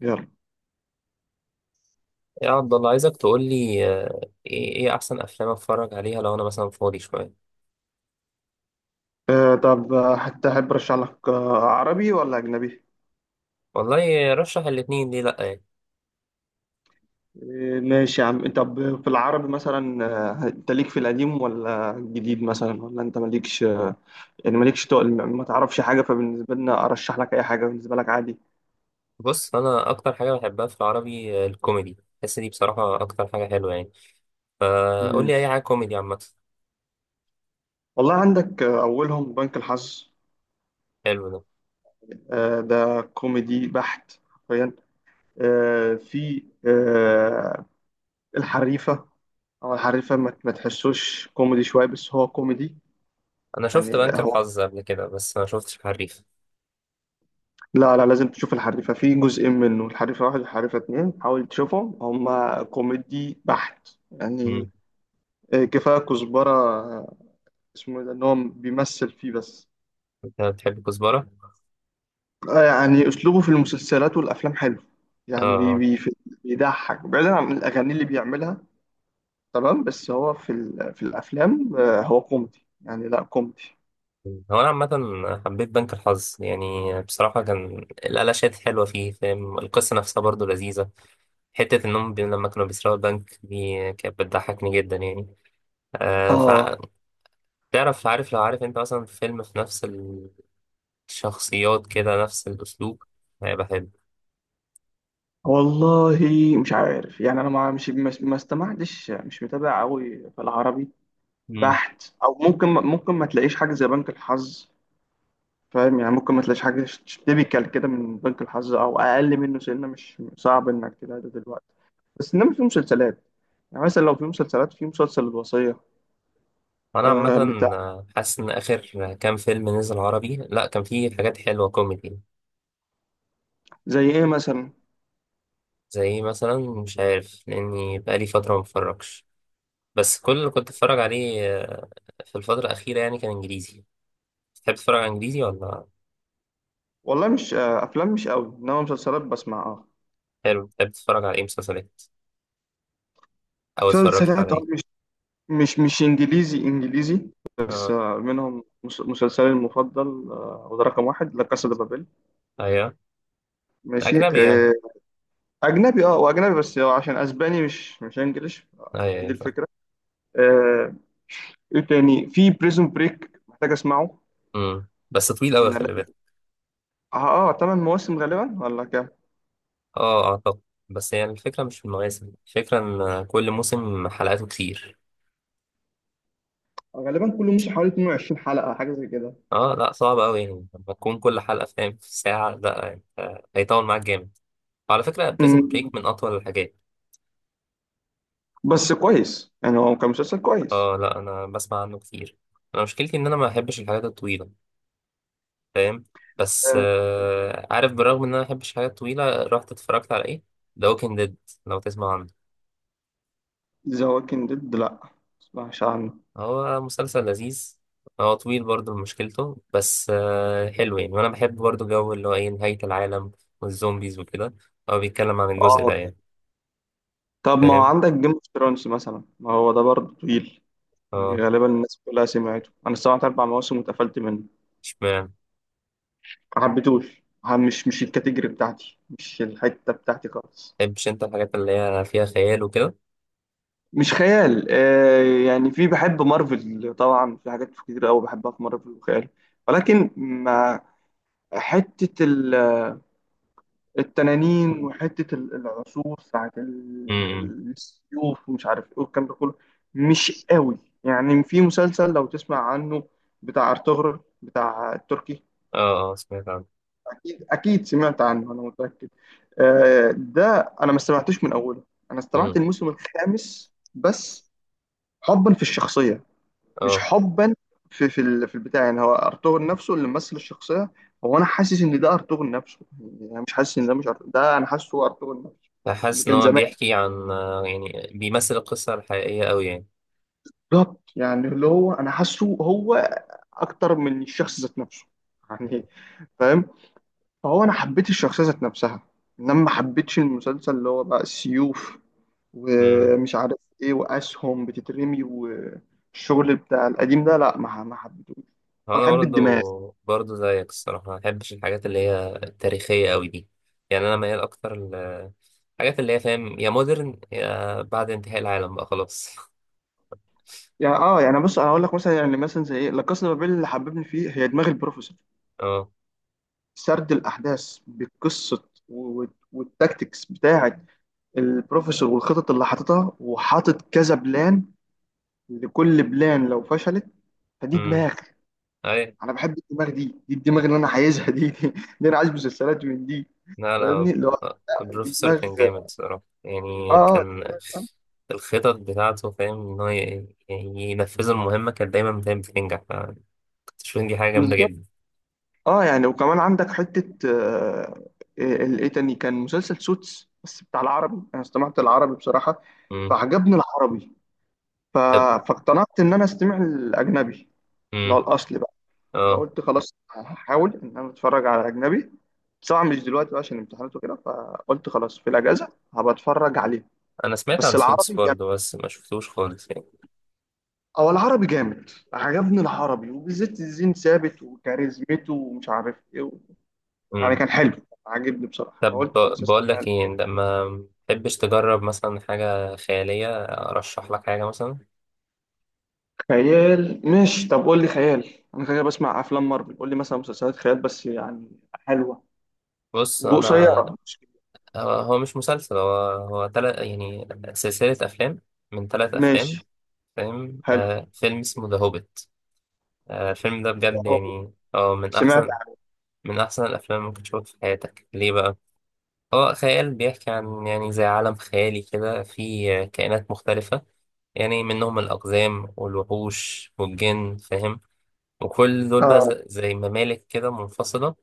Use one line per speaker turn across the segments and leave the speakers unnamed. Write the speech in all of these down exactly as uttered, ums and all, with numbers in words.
يلا.
يا عبد الله عايزك تقول لي آه، ايه إيه احسن افلام اتفرج عليها لو انا مثلا فاضي شويه.
آه طب آه، حتى أحب أرشح لك، آه، عربي ولا أجنبي؟
والله رشح الاتنين ليه لا يعني.
آه، ماشي يا عم، طب في العربي مثلا. آه، أنت ليك في القديم ولا الجديد مثلا، ولا أنت مالكش آه، يعني مالكش تقل، ما تعرفش حاجة، فبالنسبة لنا أرشح لك أي حاجة، بالنسبة لك عادي.
بص انا اكتر حاجه بحبها في العربي آه، الكوميدي، بحس دي بصراحه اكتر حاجه حلوه يعني. فقول
مم.
لي اي حاجه كوميدي عامه.
والله عندك آه، أولهم بنك الحظ.
حلو ده.
آه ده كوميدي بحت حرفيا. آه في آه الحريفة، أو الحريفة ما ما تحسوش كوميدي شوية، بس هو كوميدي.
انا شفت
يعني
بنك
هو،
الحظ قبل كده بس ما شفتش حريف.
لا لا لازم تشوف الحريفة في جزئين منه، الحريفة واحد والحريفة اتنين، حاول تشوفهم، هما كوميدي بحت يعني.
مم.
آه، كفاية كزبرة، آه، اسمه إيه ده؟ ان هو بيمثل فيه بس.
انت بتحب كزبره؟
آه، يعني اسلوبه في المسلسلات والافلام حلو، يعني بي
اه.
بي في- بيضحك، بعيدا عن الاغاني اللي بيعملها. تمام، بس هو في ال- في الافلام آه، هو كوميدي، يعني لا كوميدي.
هو انا عامه حبيت بنك الحظ يعني. بصراحه كان الالاشات حلوه فيه، فاهم؟ القصه نفسها برضو لذيذه. حتة إنهم بي- لما كانوا بيسرقوا البنك دي كانت بتضحكني جدا يعني. آه
اه،
فع... تعرف، عارف لو عارف أنت مثلا فيلم في نفس الشخصيات كده نفس الأسلوب هيبقى حلو.
والله مش عارف يعني، انا ما مش ما ما استمعتش، مش متابع قوي في العربي
مم.
بحت، او ممكن ممكن ما تلاقيش حاجه زي بنك الحظ، فاهم؟ يعني ممكن ما تلاقيش حاجه تيبيكال كده من بنك الحظ او اقل منه سنه، مش صعب انك تلاقي ده دلوقتي. بس انما في مسلسلات يعني، مثلا لو في مسلسلات، في مسلسل الوصيه،
أنا
آه
عامة
بتاع.
آه، حاسس إن آخر كام فيلم نزل عربي لأ كان فيه حاجات حلوة كوميدي.
زي ايه مثلا؟
زي مثلا مش عارف، لأني بقالي فترة متفرجش. بس كل اللي كنت أتفرج عليه آه، في الفترة الأخيرة يعني كان إنجليزي. تحب تتفرج على إنجليزي ولا؟
والله، مش آه افلام مش قوي، انما مسلسلات بسمع، اه.
حلو. تحب تتفرج على إيه مسلسلات أو اتفرجت على
مسلسلات اه،
إيه؟
مش مش مش انجليزي انجليزي، بس
آه.
آه منهم مس- مسلسلي المفضل، آه وده رقم واحد، لا كاسا دي بابيل.
ايوه.
ماشي،
اجنبي يعني.
آه، اجنبي، اه، واجنبي بس عشان اسباني، مش مش انجليش.
ايوه
هي دي
ايوه فاهم.
الفكره. آه، ايه تاني؟ في بريزون بريك، محتاج اسمعه.
امم بس طويل قوي
من
خلي
ال-
بالك.
اه اه ثمان مواسم غالبا، ولا كام؟
اه اعتقد. بس يعني الفكره مش في المواسم، الفكره ان كل موسم حلقاته كتير.
غالبا كل موسم حوالي اتنين وعشرين حلقة، حاجة زي كده.
اه لا صعب قوي يعني لما تكون كل حلقه فاهم في ساعه لا يعني آه، هيطول معاك جامد. وعلى فكره بريزن
مم.
بريك من اطول الحاجات.
بس كويس يعني، هو كان مسلسل كويس.
اه لا انا بسمع عنه كتير. انا مشكلتي ان انا ما بحبش الحاجات الطويله، فاهم؟ بس آه عارف بالرغم ان انا ما بحبش الحاجات الطويله رحت اتفرجت على ايه؟ ذا ووكينج ديد، لو تسمع عنه.
ذا ووكينج ديد، لا، ما اسمعش عنه.
هو مسلسل لذيذ. هو طويل برضو مشكلته، بس آه، حلو يعني، وانا بحب برضو جو اللي هو ايه نهاية العالم والزومبيز وكده. هو بيتكلم عن الجزء ده
اه،
يعني،
طب ما هو
فاهم.
عندك جيم اوف ثرونز مثلا، ما هو ده برضه طويل، يعني
اه
غالبا الناس كلها سمعته. انا سمعت اربع مواسم واتقفلت منه.
اشمعنى؟
ما حبيتوش، ح- مش مش الكاتيجوري بتاعتي، مش الحتة بتاعتي خالص.
متحبش انت الحاجات اللي هي فيها خيال وكده؟
مش خيال، آه يعني في بحب مارفل طبعا، في حاجات كتير قوي بحبها في مارفل وخيال، ولكن ما... حتة ال- التنانين، وحتة ال- العصور، ساعة
امم.
ال- السيوف ومش عارف ايه والكلام ده كله، مش قوي. يعني في مسلسل لو تسمع عنه بتاع ارطغرل، بتاع التركي.
اه اه سمعت عنه.
اكيد اكيد سمعت عنه، انا متاكد. آه، ده انا ما استمعتوش من اوله، انا استمعت
امم.
الموسم الخامس بس، حبا في الشخصيه. مش
اه
حبا في في ال- في البتاع، يعني هو ارطغرل نفسه اللي ممثل الشخصيه. هو انا حاسس ان ده ارطغرل نفسه، يعني انا مش حاسس ان ده مش أرطغرل. ده انا حاسه هو ارطغرل نفسه اللي
فحاسس ان
كان
هو
زمان.
بيحكي عن آه، يعني بيمثل القصة الحقيقية قوي.
بالظبط، يعني اللي هو انا حاسه هو اكتر من الشخص ذات نفسه يعني، فاهم. فهو انا حبيت الشخصيه ذات نفسها، انما ما حبيتش المسلسل اللي هو بقى السيوف
يعني
ومش عارف ايه واسهم بتترمي والشغل بتاع القديم ده، لا، ما ما حبيتهوش. أنا
انا
بحب الدماغ،
برضو برضو زيك الصراحه ما بحبش الحاجات اللي هي التاريخيه قوي دي. يعني انا ميال اكتر الحاجات اللي هي فاهم يا مودرن يا بعد انتهاء العالم بقى خلاص.
يعني اه، يعني بص انا هقول لك مثلا، يعني مثلا زي ايه. لا كاسا بابيل اللي حببني فيه هي دماغ البروفيسور،
اه.
سرد الاحداث بقصه، و- و- والتكتكس بتاعه، البروفيسور والخطط اللي حاططها، وحاطط كذا بلان، لكل بلان لو فشلت، فدي
امم.
دماغ.
اي.
انا بحب الدماغ، دي دي الدماغ اللي انا عايزها، دي دي, دي انا عايز مسلسلات من دي.
لا لا
فاهمني؟ اللي هو دي
البروفيسور
دماغ.
كان جامد الصراحه،
اه
يعني
اه
كان الخطط بتاعته فاهم ان هو ي- يعني ينفذ المهمه كانت دايما فاهم بتنجح، فكنت شايف إن دي حاجه جامده
بالظبط.
جدا.
اه، يعني وكمان عندك حتة آه، آه، ال- ايه تاني؟ كان مسلسل سوتس، بس بتاع العربي، انا استمعت العربي بصراحة،
امم.
فعجبني العربي، ف...
طب.
فاقتنعت ان انا استمع الاجنبي
امم.
اللي هو الاصلي بقى.
اه
فقلت خلاص هحاول ان انا اتفرج على اجنبي، بس طبعا مش دلوقتي بقى عشان امتحانات وكده، فقلت خلاص في الاجازة هبقى اتفرج عليه.
انا سمعت
بس
عن سوتس
العربي جامد،
برضو بس ما شفتوش خالص.
او العربي جامد، عجبني العربي، وبالذات الزين ثابت وكاريزمته ومش عارف ايه، يعني
يعني.
كان حلو، عاجبني بصراحة،
طب
فقلت
ب-
خلاص
بقول
استمع
لك
له.
ايه، لما تحبش تجرب مثلا حاجة خيالية ارشح لك حاجة مثلا.
خيال، ماشي، طب قول لي خيال. انا كده بسمع افلام مارفل، قول لي مثلا مسلسلات خيال بس يعني حلوة
بص انا.
وقصيرة، مش كبيرة.
هو هو مش مسلسل، هو هو تلت يعني سلسلة افلام من تلات افلام
ماشي،
فاهم.
حلو.
آه فيلم اسمه ذا هوبيت. آه الفيلم ده بجد
هو
يعني اه من
سمعت
احسن
عن-
من احسن الافلام اللي ممكن تشوفها في حياتك. ليه بقى؟ هو خيال بيحكي عن يعني زي عالم خيالي كده فيه كائنات مختلفة. يعني منهم الأقزام والوحوش والجن فاهم. وكل دول بقى
اه
ز- زي ممالك كده منفصلة.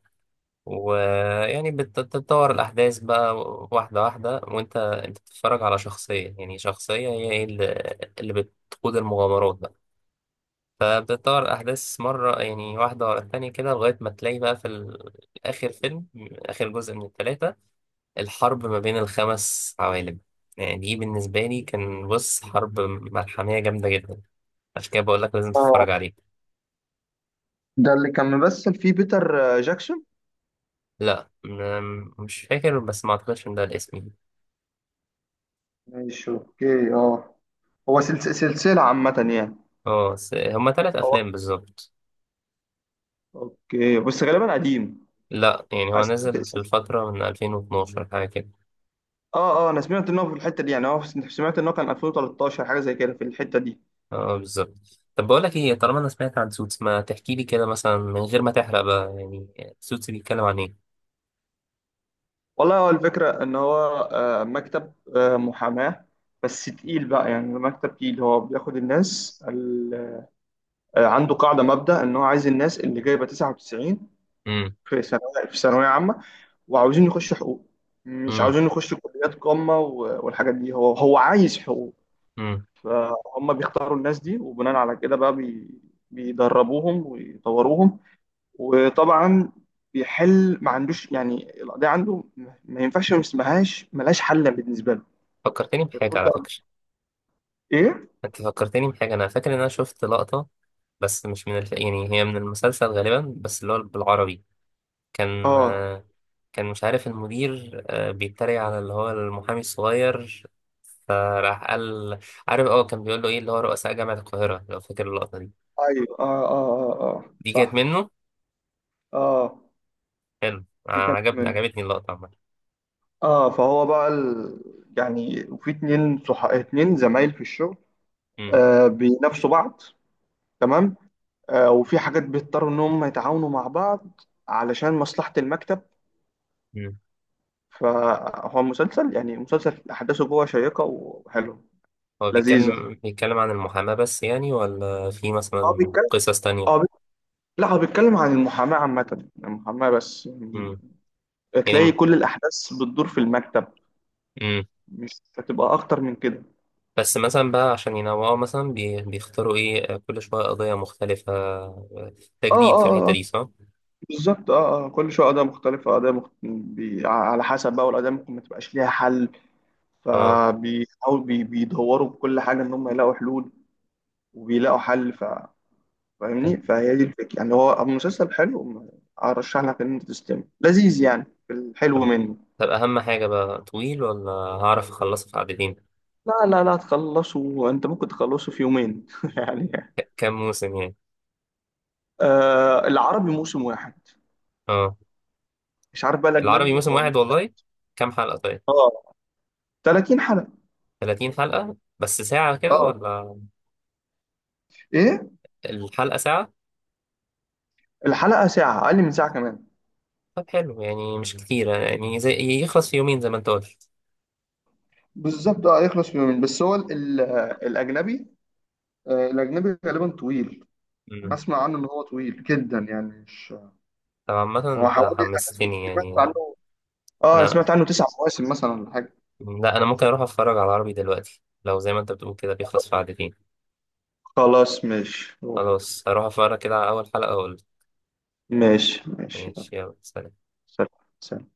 ويعني بت- بتتطور الأحداث بقى واحدة واحدة، وأنت أنت بتتفرج على شخصية يعني شخصية، هي إيه اللي اللي بتقود المغامرات بقى. فبتتطور الأحداث مرة يعني واحدة ورا التانية كده لغاية ما تلاقي بقى في ال- آخر فيلم، آخر جزء من التلاتة، الحرب ما بين الخمس عوالم. يعني دي بالنسبة لي كان بص حرب ملحمية جامدة جدا. عشان كده بقول لك لازم
اه
تتفرج عليه.
ده اللي كان ممثل فيه بيتر آه، جاكسون؟
لا م- مش فاكر بس ما اعتقدش ان ده الاسم يعني.
ماشي، اوكي، اه. هو سلس- سلسلة عامة يعني.
اه س- هما ثلاث
هو
افلام بالظبط.
اوكي، بس غالبا قديم.
لا يعني هو
أس-
نزل في الفتره من ألفين واتناشر حاجه كده.
اه اه انا سمعت ان هو في الحتة دي يعني، هو سمعت ان هو كان ألفين وتلتاشر حاجة زي كده في الحتة دي.
اه بالظبط. طب بقول لك ايه، طالما انا سمعت عن سوتس ما تحكي لي كده مثلا من غير ما تحرق بقى يعني. سوتس بيتكلم عن ايه؟
والله هو الفكرة، إن هو آه، مكتب آه، محاماة، بس تقيل بقى يعني، مكتب تقيل. هو بياخد الناس ال- آه، عنده قاعدة مبدأ، إن هو عايز الناس اللي جايبة تسعة وتسعين
امم.
في ثانوية، في ثانوية عامة، وعاوزين يخشوا حقوق، مش
امم.
عاوزين يخشوا كليات قمة و- والحاجات دي، هو هو عايز حقوق.
امم.
فهم بيختاروا الناس دي، وبناء على كده بقى بي بيدربوهم ويطوروهم، وطبعا بيحل، ما عندوش يعني، القضية عنده ما ينفعش، ما اسمهاش ملهاش حل بالنسبة له.
فكرتني بحاجه
كل،
على فكره.
ايه؟
انت فكرتني بحاجه، انا فاكر ان انا شفت لقطه بس مش من الف... يعني هي من المسلسل غالبا بس اللي هو بالعربي. كان
اه،
آه، كان مش عارف المدير آه، بيتريق على اللي هو المحامي الصغير، فراح قال عارف اه كان بيقول له ايه اللي هو رؤساء جامعة القاهرة، لو فاكر اللقطة دي.
ايوه، اه، اه، اه، اه، آه.
دي كانت
صح.
منه.
اه،
حلو آه،
دي كانت
عجبني
من.
عجبتني اللقطة عامة.
اه، فهو بقى ال... يعني، وفي اتنين، صح، اتنين زمايل في الشغل،
مم.
آه بينافسوا بعض، تمام. آه وفي حاجات بيضطروا ان هم يتعاونوا مع بعض علشان مصلحة المكتب.
مم.
فهو مسلسل، يعني مسلسل احداثه جوه شيقة وحلوة
هو
لذيذة.
بيتكلم بيتكلم عن المحاماة بس يعني، ولا في
اه
مثلا
بيتكلم،
قصص
اه
تانية؟
بي- لا، هو بيتكلم عن المحاماة عامة، المحاماة بس يعني.
مم.
تلاقي
يعني.
كل الأحداث بتدور في المكتب،
مم.
مش هتبقى أكتر من كده.
بس مثلا بقى عشان ينوعوا مثلا بي- بيختاروا ايه آه، كل شوية قضية مختلفة آه،
اه
تجديد في
اه
الحتة
اه آه،
دي صح؟
بالظبط. اه اه كل شوية قضايا مختلفة، قضايا مخت... بي... على حسب بقى، والقضايا ممكن ما تبقاش ليها حل.
اه.
فبيحاولوا بي... بيدوروا بكل حاجة إن هم يلاقوا حلول، وبيلاقوا حل ف... فاهمني، فهي دي الفكرة يعني، هو مسلسل حلو. أرشح لك إن أنت تستمع، لذيذ يعني، في الحلو منه.
طب أهم حاجة بقى طويل ولا هعرف أخلصه في عددين؟
لا لا لا، تخلصه، أنت ممكن تخلصه في يومين يعني.
ك- كام موسم يعني؟
آه، العربي موسم واحد.
اه
مش عارف بقى
العربي
الاجنبي
موسم
هو.
واحد والله. كام حلقة طيب؟
اه، تلاتين حلقه.
ثلاثين حلقة بس ساعة كده
اه،
ولا؟
ايه؟
الحلقة ساعة؟
الحلقه ساعه، اقل من ساعه كمان.
طب حلو يعني مش كتير يعني، زي يخلص في يومين زي ما انت قلت.
بالظبط، اه يخلص في يومين، بس هو ال- ال- الاجنبي، آه الاجنبي غالبا طويل. انا
مم.
اسمع عنه ان هو طويل جدا، يعني مش.
طب عامة
هو
انت
حوالي، انا سم-
حمستني
سمعت
يعني.
عنه. اه انا
انا،
سمعت عنه تسع مواسم مثلا، ولا حاجه.
لا، انا ممكن اروح اتفرج على العربي دلوقتي لو زي ما انت بتقول كده بيخلص في عددين.
خلاص، ماشي.
خلاص هروح اتفرج كده على اول حلقة واقول.
ماشي، ماشي، يلا،
ماشي يلا سلام.
سلام. سلام.